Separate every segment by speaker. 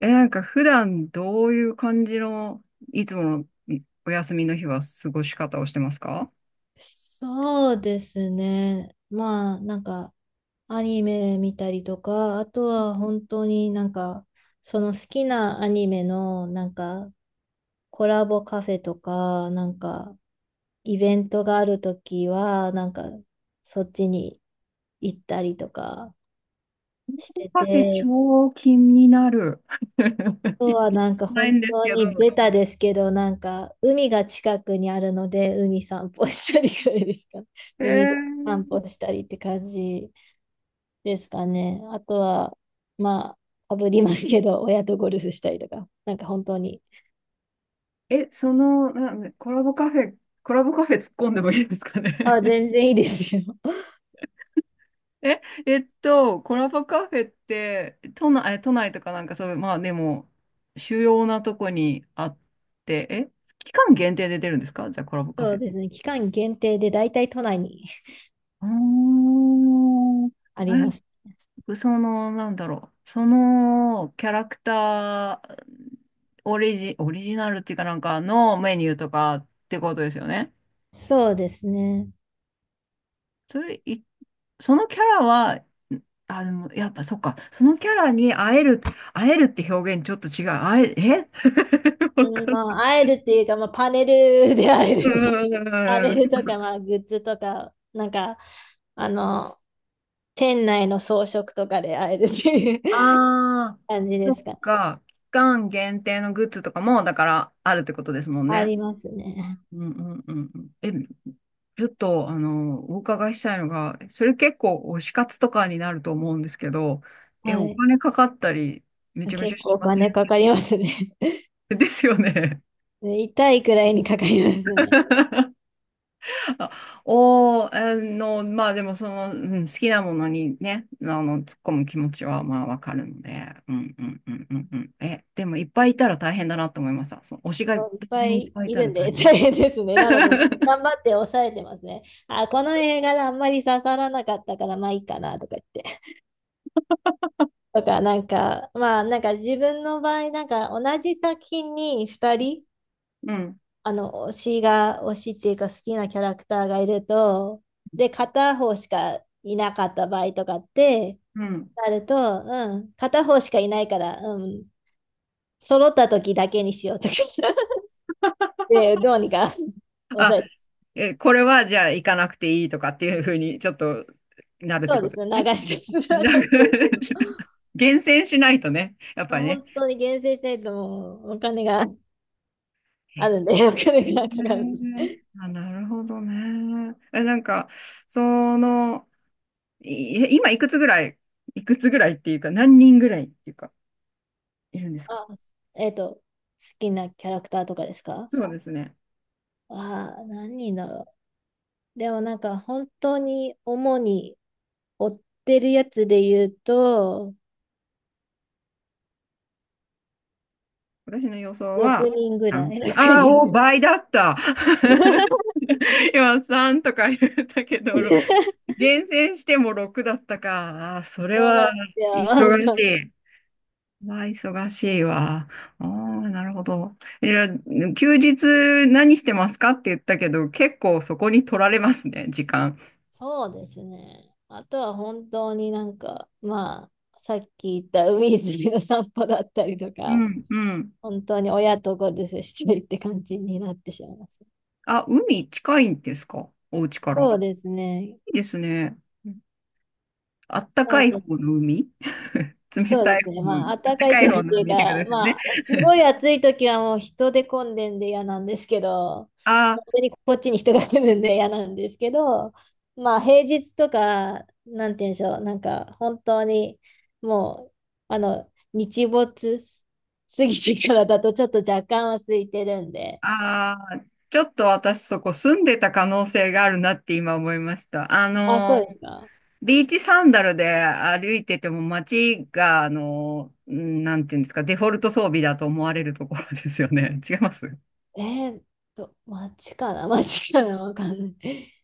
Speaker 1: なんか普段どういう感じの、いつものお休みの日は過ごし方をしてますか？
Speaker 2: そうですね。まあ、アニメ見たりとか、あとは本当にその好きなアニメのコラボカフェとか、イベントがあるときは、そっちに行ったりとかして
Speaker 1: カフェ
Speaker 2: て、
Speaker 1: 超気になる。
Speaker 2: あ と
Speaker 1: 行って
Speaker 2: はなんか
Speaker 1: ない
Speaker 2: 本
Speaker 1: んです
Speaker 2: 当
Speaker 1: けど。
Speaker 2: にベタですけど、なんか、海が近くにあるので、海散歩したりぐらいですかね。
Speaker 1: へ
Speaker 2: 海
Speaker 1: え
Speaker 2: 散歩したりって感じ。ですかね。あとは、まあ、かぶりますけど、親とゴルフしたりとか、なんか本当に。
Speaker 1: え、その、な、コラボカフェ、コラボカフェ突っ込んでもいいですか
Speaker 2: あ、
Speaker 1: ね？
Speaker 2: 全 然いいですよ。
Speaker 1: コラボカフェって、都内、都内とかなんかそういう、まあでも、主要なとこにあって、え、期間限定で出るんですかじゃあコラボカ
Speaker 2: そ
Speaker 1: フ
Speaker 2: う
Speaker 1: ェ。
Speaker 2: ですね。期間限定で大体都内に
Speaker 1: あー
Speaker 2: あります。
Speaker 1: え、その、なんだろう、そのキャラクター、オリジナルっていうかなんかのメニューとかってことですよね。
Speaker 2: そうですね。
Speaker 1: それ、いそのキャラは、あ、でも、やっぱそっか、そのキャラに会える、会えるって表現ちょっと違う。会え、え わか
Speaker 2: うん、
Speaker 1: んな
Speaker 2: ま
Speaker 1: い。
Speaker 2: あ、会えるっていうか、まあ、パネルで会え
Speaker 1: う
Speaker 2: るみたいな。パネ
Speaker 1: ー
Speaker 2: ルと
Speaker 1: ん。
Speaker 2: か、まあ、グッズとか、あの、店内の装飾とかで会えるっていう
Speaker 1: ああ、
Speaker 2: 感じ
Speaker 1: そ
Speaker 2: です
Speaker 1: っ
Speaker 2: かね。
Speaker 1: か。期間限定のグッズとかも、だからあるってことですもん
Speaker 2: あ
Speaker 1: ね。
Speaker 2: ります
Speaker 1: う
Speaker 2: ね。
Speaker 1: んうんうんうんうん。え、ちょっと、お伺いしたいのが、それ結構推し活とかになると思うんですけど、え、
Speaker 2: は
Speaker 1: お
Speaker 2: い。
Speaker 1: 金かかったり、めちゃめちゃ
Speaker 2: 結構
Speaker 1: し
Speaker 2: お
Speaker 1: ませ
Speaker 2: 金
Speaker 1: ん？
Speaker 2: かかりますね。
Speaker 1: ですよね。
Speaker 2: ね、痛いくらいにかかりますね。
Speaker 1: あおー、まあでもその、うん、好きなものにね、突っ込む気持ちはまあわかるので、うんうんうんうんうん。え、でもいっぱいいたら大変だなと思いました。その推しが同
Speaker 2: そういっぱ
Speaker 1: 時にいっ
Speaker 2: い
Speaker 1: ぱいい
Speaker 2: い
Speaker 1: た
Speaker 2: る
Speaker 1: ら
Speaker 2: ん
Speaker 1: 大
Speaker 2: で
Speaker 1: 変。
Speaker 2: 大変ですね。なので、頑張って抑えてますね。あ、この映画があんまり刺さらなかったから、まあいいかなとか言って。とか、なんか、まあなんか自分の場合、なんか同じ作品に2人、
Speaker 1: うん、
Speaker 2: あの、推しっていうか好きなキャラクターがいると、で、片方しかいなかった場合とかって
Speaker 1: うん。
Speaker 2: なると、うん、片方しかいないから、うん、揃った時だけにしようとか で、どうにか
Speaker 1: あ、
Speaker 2: 抑えて。
Speaker 1: え、これはじゃあ行かなくていいとかっていうふうにちょっとなるっ
Speaker 2: そ
Speaker 1: て
Speaker 2: う
Speaker 1: こ
Speaker 2: です
Speaker 1: とで
Speaker 2: ね、
Speaker 1: すね。
Speaker 2: 流して、流し
Speaker 1: うん、なんか、
Speaker 2: てるけ
Speaker 1: 厳選しないとね、やっぱ
Speaker 2: ど、
Speaker 1: りね。
Speaker 2: 本当に厳選しないともうお金が
Speaker 1: へ
Speaker 2: あ
Speaker 1: ー
Speaker 2: るんで、お金がかかるんで。
Speaker 1: あ、なるほどね。え、なんか、その、い今いくつぐらい、いくつぐらいっていうか、何人ぐらいっていうか、いるんですか？
Speaker 2: あ、えっと、好きなキャラクターとかですか。
Speaker 1: そうですね。
Speaker 2: ああ、何人だろう。でもなんか本当に主に追ってるやつで言うと、
Speaker 1: 私の予想
Speaker 2: 6
Speaker 1: は
Speaker 2: 人ぐら
Speaker 1: 3。
Speaker 2: い、6
Speaker 1: ああ、お、
Speaker 2: 人
Speaker 1: 倍だった。今3とか言ったけど、厳選しても6だったか。ああ、そ れ
Speaker 2: そうな
Speaker 1: は
Speaker 2: ん
Speaker 1: 忙
Speaker 2: ですよ。
Speaker 1: しい。まあ、忙しいわ。ああ、なるほど。いや、休日何してますかって言ったけど、結構そこに取られますね、時間。
Speaker 2: そうですね。あとは本当になんか、まあ、さっき言った海泉の散歩だったりと
Speaker 1: う
Speaker 2: か、
Speaker 1: ん、うん。
Speaker 2: 本当に親とゴルフしてるって感じになってしまいます。
Speaker 1: あ、海近いんですかお家から？
Speaker 2: そうですね。
Speaker 1: いいですね。あった
Speaker 2: な
Speaker 1: か
Speaker 2: ん
Speaker 1: い
Speaker 2: で、
Speaker 1: 方の海、 冷
Speaker 2: そ
Speaker 1: た
Speaker 2: う
Speaker 1: い
Speaker 2: ですね。
Speaker 1: 方の
Speaker 2: まあ、
Speaker 1: 海。あっ
Speaker 2: 暖
Speaker 1: た
Speaker 2: かい
Speaker 1: かい
Speaker 2: 時
Speaker 1: 方
Speaker 2: っ
Speaker 1: の
Speaker 2: ていう
Speaker 1: 海ってこと
Speaker 2: か、
Speaker 1: ですよね。
Speaker 2: まあ、すごい暑い時はもう人で混んでんで嫌なんですけど、
Speaker 1: あ
Speaker 2: 本
Speaker 1: ー
Speaker 2: 当にこっちに人が来るんで嫌なんですけど、まあ、平日とか、なんて言うんでしょう、なんか、本当に、もう、あの、日没過ぎてからだとちょっと若干は空いてるんで、
Speaker 1: あー、あちょっと私そこ住んでた可能性があるなって今思いました。
Speaker 2: あ、そうですか。
Speaker 1: ビーチサンダルで歩いてても街が、うんなんていうんですか、デフォルト装備だと思われるところですよね。違います？
Speaker 2: えーっ街かな、街かなわかんない。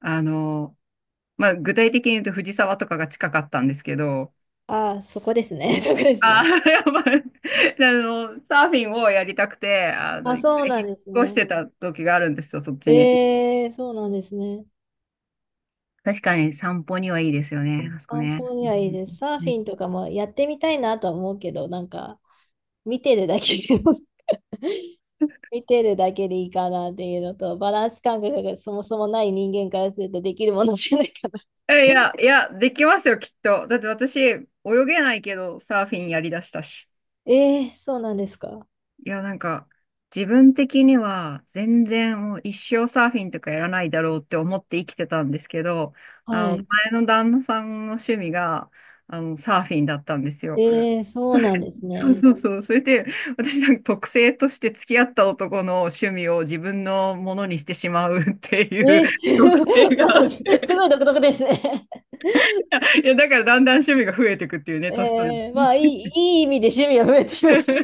Speaker 1: あのまあ、具体的に言うと藤沢とかが近かったんですけど、
Speaker 2: ああ、そこですね。そこです
Speaker 1: ああ、
Speaker 2: ね。
Speaker 1: やばい。サーフィンをやりたくて、
Speaker 2: あ、
Speaker 1: 一
Speaker 2: そう
Speaker 1: 回
Speaker 2: な
Speaker 1: 引
Speaker 2: んです
Speaker 1: っ越して
Speaker 2: ね。
Speaker 1: た時があるんですよ、そっちに。
Speaker 2: えー、そうなんですね。
Speaker 1: 確かに散歩にはいいですよね、あそこ
Speaker 2: 散
Speaker 1: ね。
Speaker 2: 歩
Speaker 1: う
Speaker 2: にはいい
Speaker 1: ん
Speaker 2: です。サー
Speaker 1: う
Speaker 2: フィン
Speaker 1: ん
Speaker 2: とかもやってみたいなとは思うけど、なんか、見てるだけで 見てるだけでいいかなっていうのと、バランス感覚がそもそもない人間からするとできるものじゃないかな。
Speaker 1: えいや、いや、できますよ、きっと。だって私、泳げないけど、サーフィンやりだしたし。
Speaker 2: えー、そうなんですか。
Speaker 1: いや、なんか、自分的には、全然もう一生サーフィンとかやらないだろうって思って生きてたんですけど、あ
Speaker 2: は
Speaker 1: の、
Speaker 2: い。
Speaker 1: 前の旦那さんの趣味が、サーフィンだったんですよ。
Speaker 2: えー、そうなんです
Speaker 1: そう
Speaker 2: ね。
Speaker 1: そうそう。それで、私なんか特性として付き合った男の趣味を自分のものにしてしまうっていう
Speaker 2: え
Speaker 1: 特
Speaker 2: ー、
Speaker 1: 性
Speaker 2: なん
Speaker 1: が、
Speaker 2: かすごい独特ですね。
Speaker 1: いや、だからだんだん趣味が増えていくっていうね、年取る。
Speaker 2: えー、まあ、いい意味で趣味が増えてきました。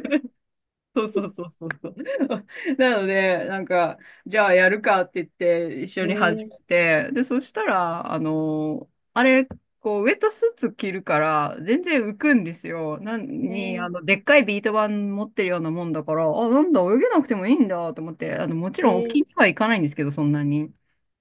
Speaker 1: そうそうそうそうそう。なので、なんか、じゃあやるかって言って一緒
Speaker 2: え
Speaker 1: に始
Speaker 2: ー、
Speaker 1: めて、で、そしたら、あの、あれ、こう、ウェットスーツ着るから、全然浮くんですよ。なんに、あ
Speaker 2: え
Speaker 1: の、でっかいビート板持ってるようなもんだから、あ、なんだ、泳げなくてもいいんだと思って、あの、もち
Speaker 2: ー、
Speaker 1: ろん
Speaker 2: え
Speaker 1: 沖に
Speaker 2: ー、
Speaker 1: は行かないんですけど、そんなに。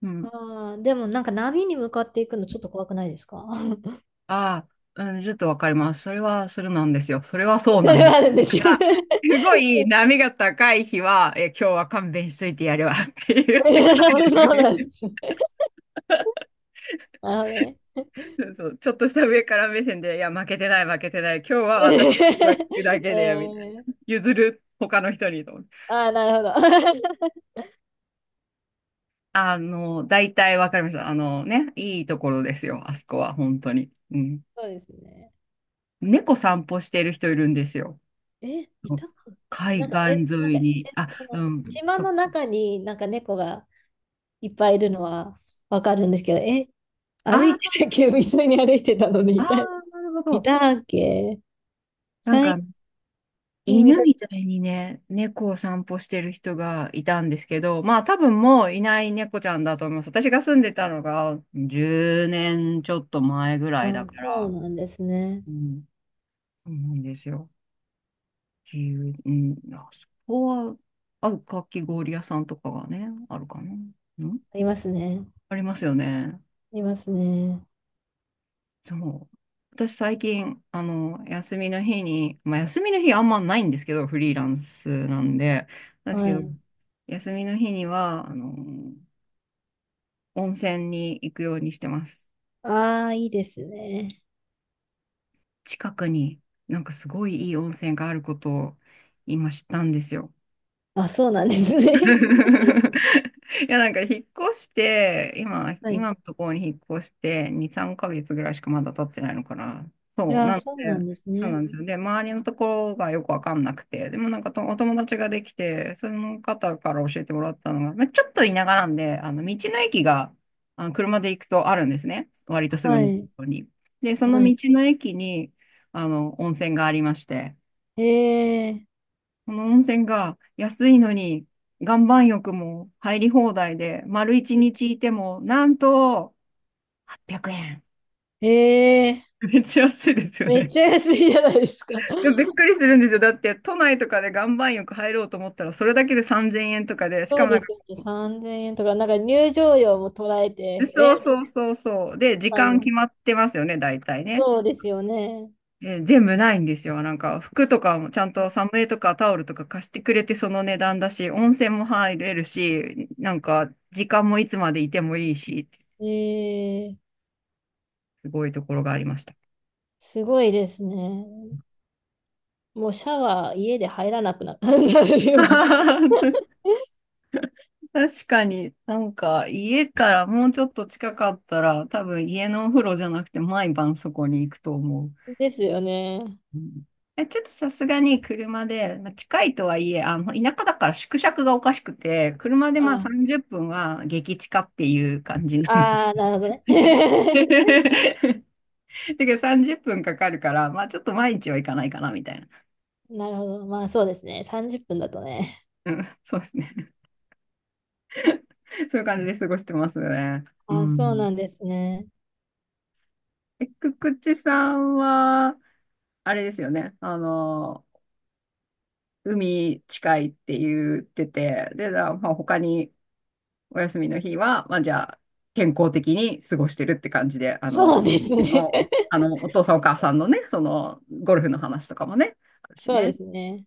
Speaker 1: うん。
Speaker 2: ああ、でもなんか波に向かっていくのちょっと怖くないですか？
Speaker 1: ああ、うん、ちょっとわかります。それは、それなんですよ。それはそう
Speaker 2: そ
Speaker 1: なん
Speaker 2: れ
Speaker 1: です。
Speaker 2: はあるんですよね。
Speaker 1: すごい波が高い日は、え、今日は勘弁しといてやるわって言っ
Speaker 2: え
Speaker 1: て帰
Speaker 2: ー、そうなんで
Speaker 1: る。
Speaker 2: す。なるほどね。
Speaker 1: そうそう、ちょっとした上から目線で、いや、負けてない、負けてない。今日は 私の声が聞くだ
Speaker 2: え
Speaker 1: けで、みたい
Speaker 2: ー、
Speaker 1: な。譲る、他の人にと思って。
Speaker 2: ああ、なるほど。
Speaker 1: 大体わかりました。あのね、いいところですよ、あそこは、本当に。うん。
Speaker 2: そうですね。
Speaker 1: 猫散歩してる人いるんですよ。
Speaker 2: え、いたか。
Speaker 1: 海
Speaker 2: なんか、
Speaker 1: 岸
Speaker 2: え、なん
Speaker 1: 沿
Speaker 2: か、
Speaker 1: い
Speaker 2: え、
Speaker 1: に。あ、
Speaker 2: そ
Speaker 1: う
Speaker 2: の、
Speaker 1: ん。
Speaker 2: 島
Speaker 1: そう。
Speaker 2: の中になんか猫がいっぱいいるのはわかるんですけど、え、
Speaker 1: あ
Speaker 2: 歩いてたっ
Speaker 1: ー
Speaker 2: け、普いに歩いてたのに
Speaker 1: あ
Speaker 2: いた、
Speaker 1: ー、なるほ
Speaker 2: い
Speaker 1: ど。
Speaker 2: たっけ
Speaker 1: なんか
Speaker 2: 最近見
Speaker 1: 犬
Speaker 2: かけ。
Speaker 1: みたいにね、猫を散歩してる人がいたんですけど、まあ多分もういない猫ちゃんだと思います。私が住んでたのが10年ちょっと前ぐらいだ
Speaker 2: あ、
Speaker 1: か
Speaker 2: そう
Speaker 1: ら、
Speaker 2: なんですね。
Speaker 1: うん、そうなんですよ。っていう、うん、あそこは、あ、かき氷屋さんとかがね、あるかな。うん、
Speaker 2: ありますね。
Speaker 1: ありますよね。
Speaker 2: ありますね。
Speaker 1: そう。私最近、休みの日に、まあ休みの日あんまないんですけど、フリーランスなんで、なんです
Speaker 2: は
Speaker 1: けど、
Speaker 2: い。
Speaker 1: 休みの日には、温泉に行くようにしてます。
Speaker 2: ああ、いいですね。
Speaker 1: 近くになんかすごいいい温泉があることを今知ったんですよ。
Speaker 2: あ、そうなんですね。
Speaker 1: いや、なんか引っ越して、
Speaker 2: はい。
Speaker 1: 今のところに引っ越して、2、3ヶ月ぐらいしかまだ経ってないのかな。
Speaker 2: い
Speaker 1: そう、
Speaker 2: やー、
Speaker 1: なんで、
Speaker 2: そうなんです
Speaker 1: そう
Speaker 2: ね。
Speaker 1: なんですよ。で、周りのところがよくわかんなくて、でもなんかとお友達ができて、その方から教えてもらったのが、まあ、ちょっと田舎なんで、道の駅が、車で行くとあるんですね。割とすぐ
Speaker 2: は
Speaker 1: のと
Speaker 2: い。
Speaker 1: ころに。で、その
Speaker 2: は
Speaker 1: 道
Speaker 2: い。
Speaker 1: の駅に、温泉がありまして、
Speaker 2: ええ、
Speaker 1: この温泉が安いのに岩盤浴も入り放題で、丸一日いても、なんと800円。
Speaker 2: ええ、
Speaker 1: めっちゃ安いですよ
Speaker 2: めっ
Speaker 1: ね。
Speaker 2: ちゃ安いじゃないですか。
Speaker 1: でも びっくりするんですよ。だって都内とかで岩盤浴入ろうと思ったら、それだけで3000円とかで、しか
Speaker 2: そう
Speaker 1: もな
Speaker 2: で
Speaker 1: んか
Speaker 2: すよね。
Speaker 1: こ
Speaker 2: 3000円とか、なんか入場料も捉え
Speaker 1: う、
Speaker 2: て、えー、
Speaker 1: そうそ
Speaker 2: み
Speaker 1: うそうそう。で、時
Speaker 2: たい
Speaker 1: 間
Speaker 2: な。
Speaker 1: 決まってますよね、大体ね。
Speaker 2: そうですよね。
Speaker 1: えー全部ないんですよ。なんか服とかもちゃんとサムエとかタオルとか貸してくれてその値段だし、温泉も入れるし、なんか時間もいつまでいてもいいし、
Speaker 2: ええ、
Speaker 1: すごいところがありました。
Speaker 2: すごいですね。もうシャワー家で入らなくなるような。
Speaker 1: 確かに、なんか家からもうちょっと近かったら、多分家のお風呂じゃなくて毎晩そこに行くと思う。
Speaker 2: ですよね。
Speaker 1: うんえ、ちょっとさすがに車で、まあ、近いとはいえ、田舎だから縮尺がおかしくて、車でまあ
Speaker 2: あ、
Speaker 1: 30分は激近っていう感じなの。
Speaker 2: あー、なるほどね。
Speaker 1: だけど30分かかるから、まあちょっと毎日は行かないかなみたいな。
Speaker 2: なるほど。まあそうですね。30分だとね。
Speaker 1: うん、そうですね。そういう感じで過ごしてますね。う
Speaker 2: あ、そう
Speaker 1: ん。
Speaker 2: なんですね。
Speaker 1: え、くくちさんは、あれですよね。海近いって言ってて、で、だまあ、他にお休みの日は、まあ、じゃあ、健康的に過ごしてるって感じで、あ
Speaker 2: そう
Speaker 1: の、
Speaker 2: ですね。
Speaker 1: お、あの、お父さんお母さんのね、その、ゴルフの話とかもね、あるし
Speaker 2: そうで
Speaker 1: ね。
Speaker 2: すね。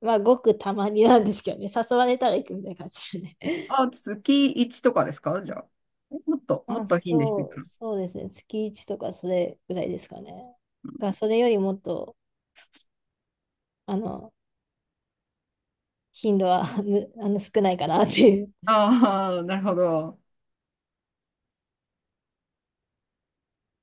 Speaker 2: まあごくたまになんですけどね。誘われたら行くみたいな感じでね。
Speaker 1: あ、月1とかですかじゃあ。もっと、もっと頻度低いかな。
Speaker 2: そうですね。月1とかそれぐらいですかね。が、それよりもっと、あの、頻度はあの少ないかなっていう
Speaker 1: ああ、なるほど。